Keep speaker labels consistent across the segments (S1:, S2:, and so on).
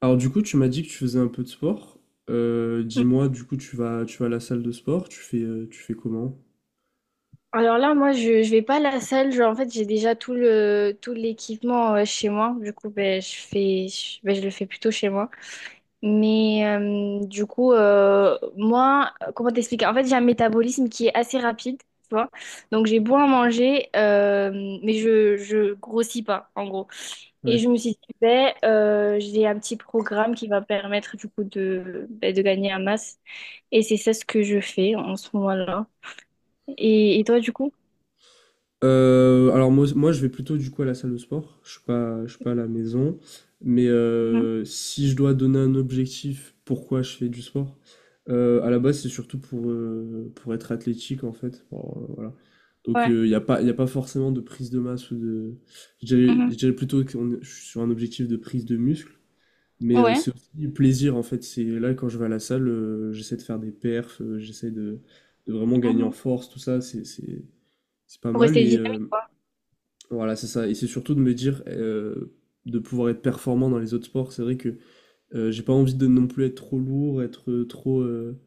S1: Alors du coup, tu m'as dit que tu faisais un peu de sport. Dis-moi, du coup, tu vas à la salle de sport, tu fais comment?
S2: Alors là, moi, je vais pas à la salle. Genre, en fait, j'ai déjà tout l'équipement chez moi. Du coup, ben, je le fais plutôt chez moi. Moi, comment t'expliquer? En fait, j'ai un métabolisme qui est assez rapide, tu vois. Donc, j'ai beau à manger, mais je grossis pas, en gros. Et je
S1: Ouais.
S2: me suis dit, j'ai un petit programme qui va permettre, du coup, de gagner en masse. Et c'est ça ce que je fais en ce moment-là. Et toi, du coup?
S1: Alors moi, je vais plutôt du coup à la salle de sport. Je suis pas à la maison. Mais
S2: Mhm.
S1: euh, si je dois donner un objectif, pourquoi je fais du sport? À la base, c'est surtout pour pour être athlétique en fait. Bon, voilà. Donc
S2: Ouais.
S1: il n'y a pas, y a pas forcément de prise de masse ou de. Je
S2: Mhm.
S1: dirais plutôt que je suis sur un objectif de prise de muscle. Mais
S2: Ouais.
S1: c'est aussi du plaisir en fait. C'est là quand je vais à la salle, j'essaie de faire des perfs, de vraiment gagner en
S2: Mhm.
S1: force, tout ça, c'est pas
S2: Pour
S1: mal.
S2: rester dynamique, quoi.
S1: Voilà, c'est ça. Et c'est surtout de me dire de pouvoir être performant dans les autres sports. C'est vrai que j'ai pas envie de non plus être trop lourd, être trop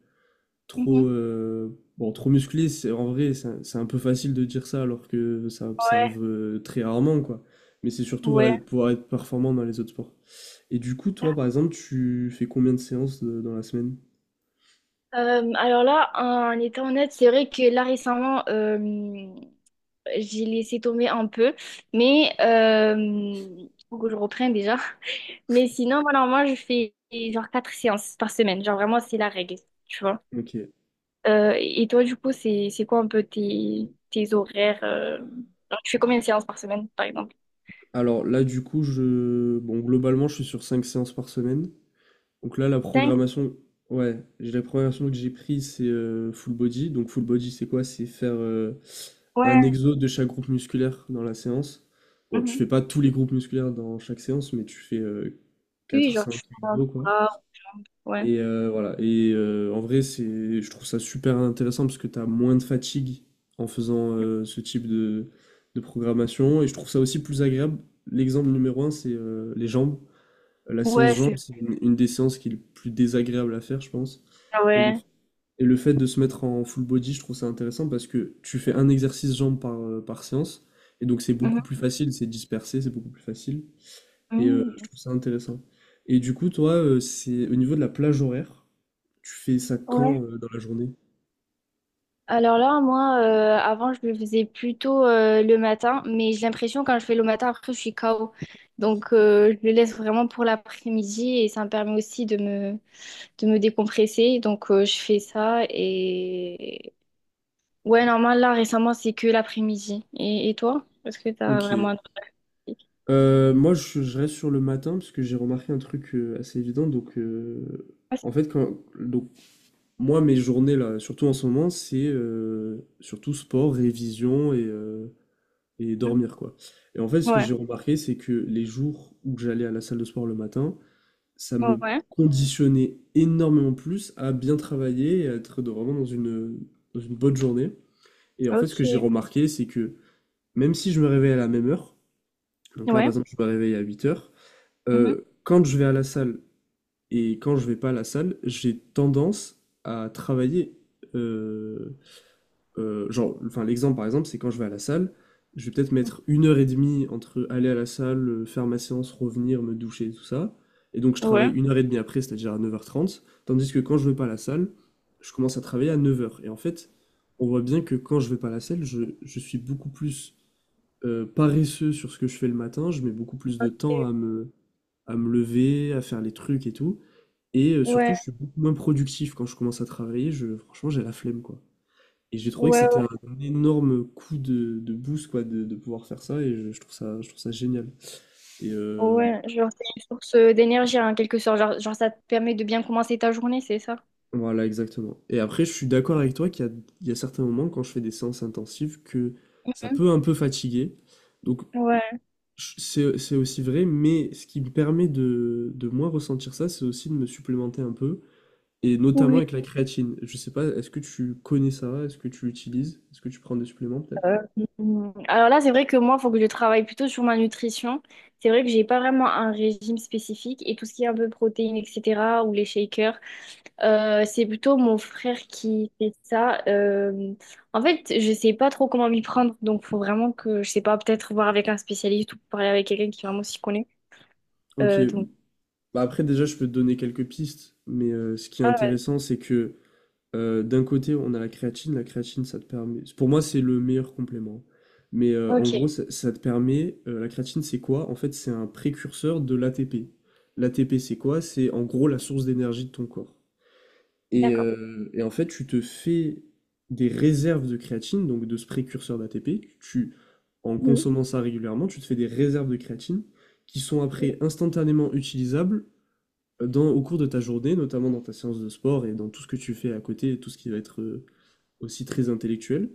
S2: Mhm.
S1: trop bon, trop musclé. C'est en vrai, c'est un peu facile de dire ça alors que ça
S2: Ouais,
S1: arrive très rarement quoi. Mais c'est surtout voilà de
S2: ouais.
S1: pouvoir être performant dans les autres sports. Et du coup, toi, par exemple, tu fais combien de séances dans la semaine?
S2: Alors là, en étant honnête, c'est vrai que là récemment, j'ai laissé tomber un peu, mais faut que je reprenne déjà. Mais sinon, voilà, moi, je fais genre quatre séances par semaine. Genre vraiment, c'est la règle, tu vois.
S1: Ok.
S2: Et toi, du coup, c'est quoi un peu tes horaires genre, tu fais combien de séances par semaine, par exemple?
S1: Alors là, du coup, je... Bon, globalement, je suis sur 5 séances par semaine. Donc là, la
S2: Cinq.
S1: programmation... Ouais, j'ai la programmation que j'ai prise, c'est full body. Donc full body, c'est quoi? C'est faire un
S2: Ouais.
S1: exo de chaque groupe musculaire dans la séance. Bon, tu
S2: Mhm.
S1: fais pas tous les groupes musculaires dans chaque séance, mais tu fais
S2: Oui,
S1: quatre,
S2: genre
S1: cinq
S2: tu fais un
S1: exos, quoi.
S2: bras, ouais.
S1: Voilà. Et en vrai, je trouve ça super intéressant parce que tu as moins de fatigue en faisant ce type de programmation. Et je trouve ça aussi plus agréable. L'exemple numéro un, c'est les jambes. La séance
S2: Ouais,
S1: jambes,
S2: c'est.
S1: c'est une des séances qui est le plus désagréable à faire, je pense.
S2: Ah
S1: Et le,
S2: ouais.
S1: et le fait de se mettre en full body, je trouve ça intéressant parce que tu fais un exercice jambes par séance. Et donc, c'est beaucoup
S2: Mhm.
S1: plus facile, c'est dispersé, c'est beaucoup plus facile. Je
S2: Mhm.
S1: trouve ça intéressant. Et du coup, toi, c'est au niveau de la plage horaire, tu fais ça
S2: Ouais.
S1: quand dans la journée?
S2: Alors là, moi, avant, je le faisais plutôt le matin, mais j'ai l'impression quand je fais le matin, après, je suis KO. Donc, je le laisse vraiment pour l'après-midi et ça me permet aussi de me décompresser. Donc, je fais ça et... Ouais, normal, là, récemment, c'est que l'après-midi. Et toi? Est-ce que t'as
S1: Ok.
S2: vraiment un truc pratique?
S1: Moi, je reste sur le matin parce que j'ai remarqué un truc assez évident. Donc,
S2: Ah, c'est-.
S1: en fait, moi, mes journées, là, surtout en ce moment, c'est surtout sport, révision et et
S2: Mhm.
S1: dormir, quoi. Et en fait, ce que
S2: Ouais.
S1: j'ai remarqué, c'est que les jours où j'allais à la salle de sport le matin, ça me
S2: Ouais.
S1: conditionnait énormément plus à bien travailler et à être vraiment dans dans une bonne journée. Et en fait, ce
S2: Ok.
S1: que j'ai remarqué, c'est que même si je me réveille à la même heure, donc là, par
S2: Ouais.
S1: exemple, je me réveille à 8h,
S2: Mhm.
S1: quand je vais à la salle et quand je vais pas à la salle, j'ai tendance à travailler euh, enfin, l'exemple par exemple, c'est quand je vais à la salle, je vais peut-être mettre une heure et demie entre aller à la salle, faire ma séance, revenir, me doucher, tout ça. Et donc, je travaille
S2: Ouais.
S1: une heure et demie après, c'est-à-dire à 9h30. Tandis que quand je vais pas à la salle, je commence à travailler à 9h. Et en fait, on voit bien que quand je vais pas à la salle, je suis beaucoup plus paresseux sur ce que je fais le matin. Je mets beaucoup plus de temps à à me lever, à faire les trucs et tout. Et surtout,
S2: Ouais.
S1: je suis beaucoup moins productif quand je commence à travailler. Je, franchement, j'ai la flemme, quoi. Et j'ai trouvé que c'était
S2: Ouais.
S1: un énorme coup de boost, quoi, de pouvoir faire ça, et je trouve ça génial. Et euh,
S2: Ouais, genre c'est une source d'énergie en quelque sorte, genre, genre ça te permet de bien commencer ta journée, c'est ça?
S1: voilà, exactement. Et après, je suis d'accord avec toi il y a certains moments, quand je fais des séances intensives, que ça
S2: Hmm.
S1: peut un peu fatiguer. Donc,
S2: Ouais,
S1: c'est aussi vrai, mais ce qui me permet de moins ressentir ça, c'est aussi de me supplémenter un peu, et notamment
S2: oui.
S1: avec la créatine. Je sais pas, est-ce que tu connais ça? Est-ce que tu l'utilises? Est-ce que tu prends des suppléments, peut-être?
S2: euh, alors là, c'est vrai que moi, il faut que je travaille plutôt sur ma nutrition. C'est vrai que j'ai pas vraiment un régime spécifique et tout ce qui est un peu protéines, etc., ou les shakers, c'est plutôt mon frère qui fait ça. En fait, je sais pas trop comment m'y prendre, donc faut vraiment que, je sais pas, peut-être voir avec un spécialiste ou parler avec quelqu'un qui vraiment s'y connaît.
S1: Ok,
S2: Euh, donc,
S1: bah après, déjà, je peux te donner quelques pistes, mais ce qui est intéressant, c'est que d'un côté, on a la créatine. La créatine, ça te permet. Pour moi, c'est le meilleur complément. Mais en
S2: ok,
S1: gros, ça te permet. La créatine, c'est quoi? En fait, c'est un précurseur de l'ATP. L'ATP, c'est quoi? C'est en gros la source d'énergie de ton corps.
S2: d'accord.
S1: Et en fait, tu te fais des réserves de créatine, donc de ce précurseur d'ATP. En
S2: Mhm.
S1: consommant ça régulièrement, tu te fais des réserves de créatine qui sont après instantanément utilisables dans, au cours de ta journée, notamment dans ta séance de sport et dans tout ce que tu fais à côté, et tout ce qui va être aussi très intellectuel.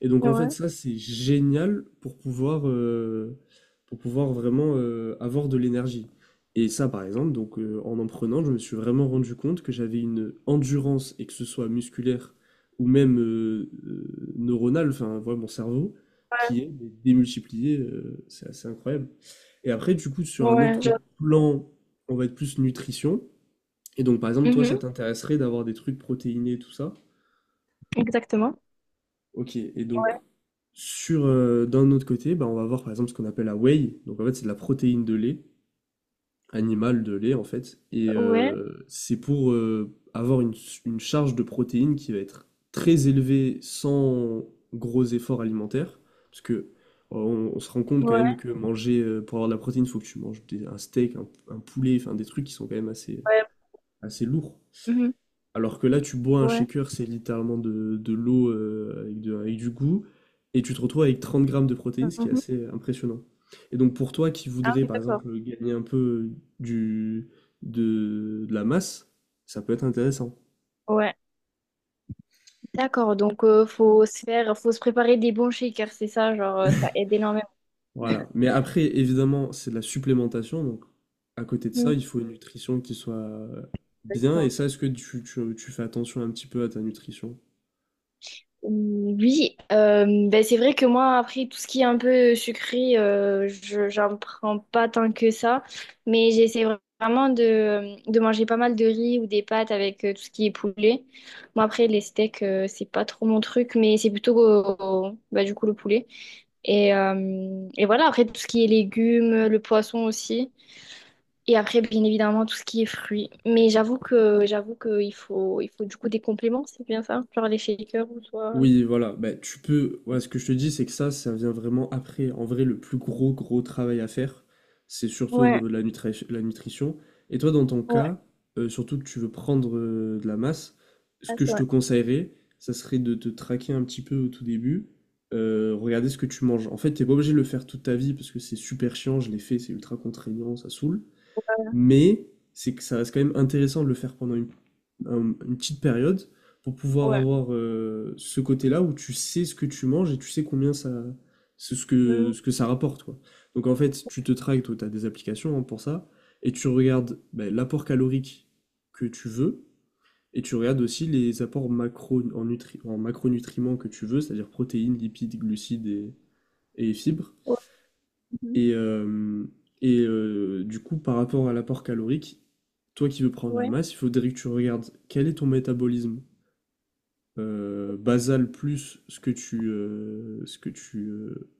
S1: Et donc en fait,
S2: Ouais.
S1: ça, c'est génial pour pour pouvoir vraiment avoir de l'énergie. Et ça, par exemple, donc en prenant, je me suis vraiment rendu compte que j'avais une endurance, et que ce soit musculaire ou même neuronale, enfin, voilà, mon cerveau, qui est mais démultiplié, c'est assez incroyable. Et après, du coup, sur un
S2: Ouais, je-.
S1: autre plan, on va être plus nutrition. Et donc, par exemple, toi, ça
S2: Mhm,
S1: t'intéresserait d'avoir des trucs protéinés et tout ça.
S2: exactement.
S1: Ok, et donc, sur, d'un autre côté, bah, on va voir par exemple ce qu'on appelle la whey. Donc, en fait, c'est de la protéine de lait, animale de lait, en fait. Et
S2: Ouais,
S1: euh, c'est pour avoir une charge de protéines qui va être très élevée sans gros efforts alimentaires. Parce que on se rend compte quand même
S2: ouais,
S1: que manger, pour avoir de la protéine, il faut que tu manges un steak, un poulet, enfin des trucs qui sont quand même assez,
S2: ouais,
S1: assez lourds.
S2: mhm,
S1: Alors que là, tu bois un
S2: ouais,
S1: shaker, c'est littéralement de l'eau avec du goût, et tu te retrouves avec 30 grammes de protéines, ce qui est
S2: mhm.
S1: assez impressionnant. Et donc pour toi qui
S2: Ah
S1: voudrais,
S2: oui,
S1: par
S2: d'accord.
S1: exemple, gagner un peu du, de la masse, ça peut être intéressant.
S2: Ouais, d'accord. Donc, faut se préparer des bons shakers, c'est ça, genre, ça aide énormément.
S1: Voilà. Mais après, évidemment, c'est de la supplémentation, donc à côté de ça, il faut une nutrition qui soit bien, et
S2: Mhm.
S1: ça, est-ce que tu fais attention un petit peu à ta nutrition?
S2: Oui, ben c'est vrai que moi, après, tout ce qui est un peu sucré, j'en prends pas tant que ça. Mais j'essaie vraiment de manger pas mal de riz ou des pâtes avec tout ce qui est poulet. Moi, après, les steaks, c'est pas trop mon truc, mais c'est plutôt du coup le poulet. Et voilà, après, tout ce qui est légumes, le poisson aussi. Et après, bien évidemment, tout ce qui est fruits. Mais j'avoue que il faut du coup des compléments, c'est bien ça? Genre les shakers ou soit...
S1: Oui, voilà. Bah, tu peux. Ouais, ce que je te dis, c'est que ça vient vraiment après. En vrai, le plus gros, gros travail à faire, c'est surtout au
S2: ouais.
S1: niveau de la nutrition. Et toi, dans ton
S2: Ouais,
S1: cas, surtout que tu veux prendre de la masse, ce
S2: ça,
S1: que
S2: c'est
S1: je te
S2: vrai.
S1: conseillerais, ça serait de te traquer un petit peu au tout début. Regarder ce que tu manges. En fait, t'es pas obligé de le faire toute ta vie parce que c'est super chiant, je l'ai fait, c'est ultra contraignant, ça saoule. Mais c'est que ça reste quand même intéressant de le faire pendant une petite période pour pouvoir
S2: Ouais.
S1: avoir ce côté-là où tu sais ce que tu manges et tu sais combien ça, c'est
S2: Mm.
S1: ce que ça rapporte, quoi. Donc en fait, tu te traques, toi, tu as des applications hein, pour ça, et tu regardes ben, l'apport calorique que tu veux, et tu regardes aussi les apports macro, en macronutriments que tu veux, c'est-à-dire protéines, lipides, glucides et fibres.
S2: Ouais. Mhm.
S1: Et, euh, et du coup, par rapport à l'apport calorique, toi qui veux prendre la
S2: Ouais.
S1: masse, il faudrait que tu regardes quel est ton métabolisme basal plus ce que tu euh,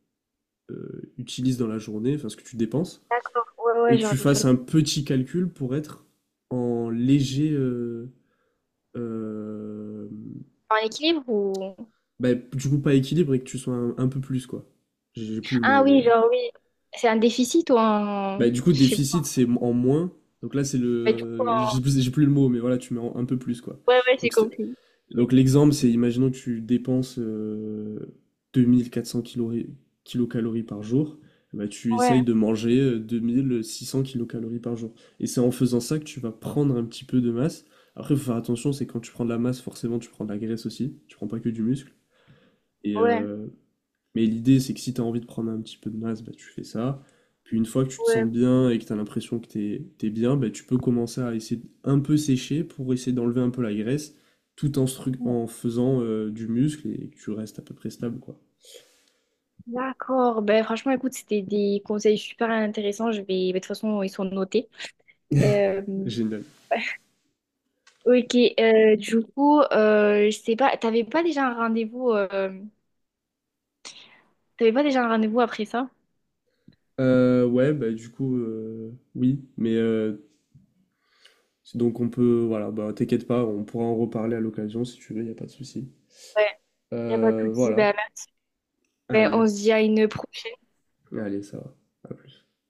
S1: euh, utilises dans la journée, enfin ce que tu dépenses,
S2: D'accord. Ouais,
S1: et
S2: ouais,
S1: que
S2: genre
S1: tu
S2: des
S1: fasses
S2: calories.
S1: un petit calcul pour être en léger, euh,
S2: En équilibre ou...
S1: bah, du coup pas équilibre et que tu sois un peu plus quoi. J'ai plus le
S2: Ah
S1: mot,
S2: oui,
S1: mais
S2: genre oui. C'est un déficit ou un...
S1: bah, du coup
S2: Je sais pas.
S1: déficit c'est en moins, donc là c'est
S2: Ouais, du coup,
S1: le,
S2: un-.
S1: j'ai plus le mot, mais voilà tu mets un peu plus quoi.
S2: Ouais, ouais, j'ai
S1: Donc c'est-
S2: compris. Ok.
S1: Donc l'exemple, c'est imaginons que tu dépenses 2400 kilocalories par jour, bah tu
S2: Ouais,
S1: essayes de manger 2600 kilocalories par jour. Et c'est en faisant ça que tu vas prendre un petit peu de masse. Après, il faut faire attention, c'est quand tu prends de la masse, forcément, tu prends de la graisse aussi, tu prends pas que du muscle. Et,
S2: ouais,
S1: euh, mais l'idée, c'est que si tu as envie de prendre un petit peu de masse, bah, tu fais ça. Puis une fois que tu te sens
S2: ouais.
S1: bien et que tu as l'impression que t'es bien, bah, tu peux commencer à essayer de un peu sécher pour essayer d'enlever un peu la graisse, tout en,
S2: Bon.
S1: en faisant du muscle et que tu restes à peu près stable, quoi.
S2: D'accord. Ben, franchement, écoute, c'était des conseils super intéressants. Je vais... ben, de toute façon, ils sont notés. Euh.
S1: Génial.
S2: Ok. Du coup, je sais pas, t'avais pas déjà un rendez-vous... T'avais pas déjà un rendez-vous après ça?
S1: Ouais, bah du coup, oui, mais donc on peut, voilà, bah t'inquiète pas, on pourra en reparler à l'occasion si tu veux, y a pas de souci.
S2: Ouais, y a pas de souci.
S1: Voilà.
S2: Ben,
S1: Allez,
S2: on se dit à une prochaine.
S1: allez, ça va. À plus.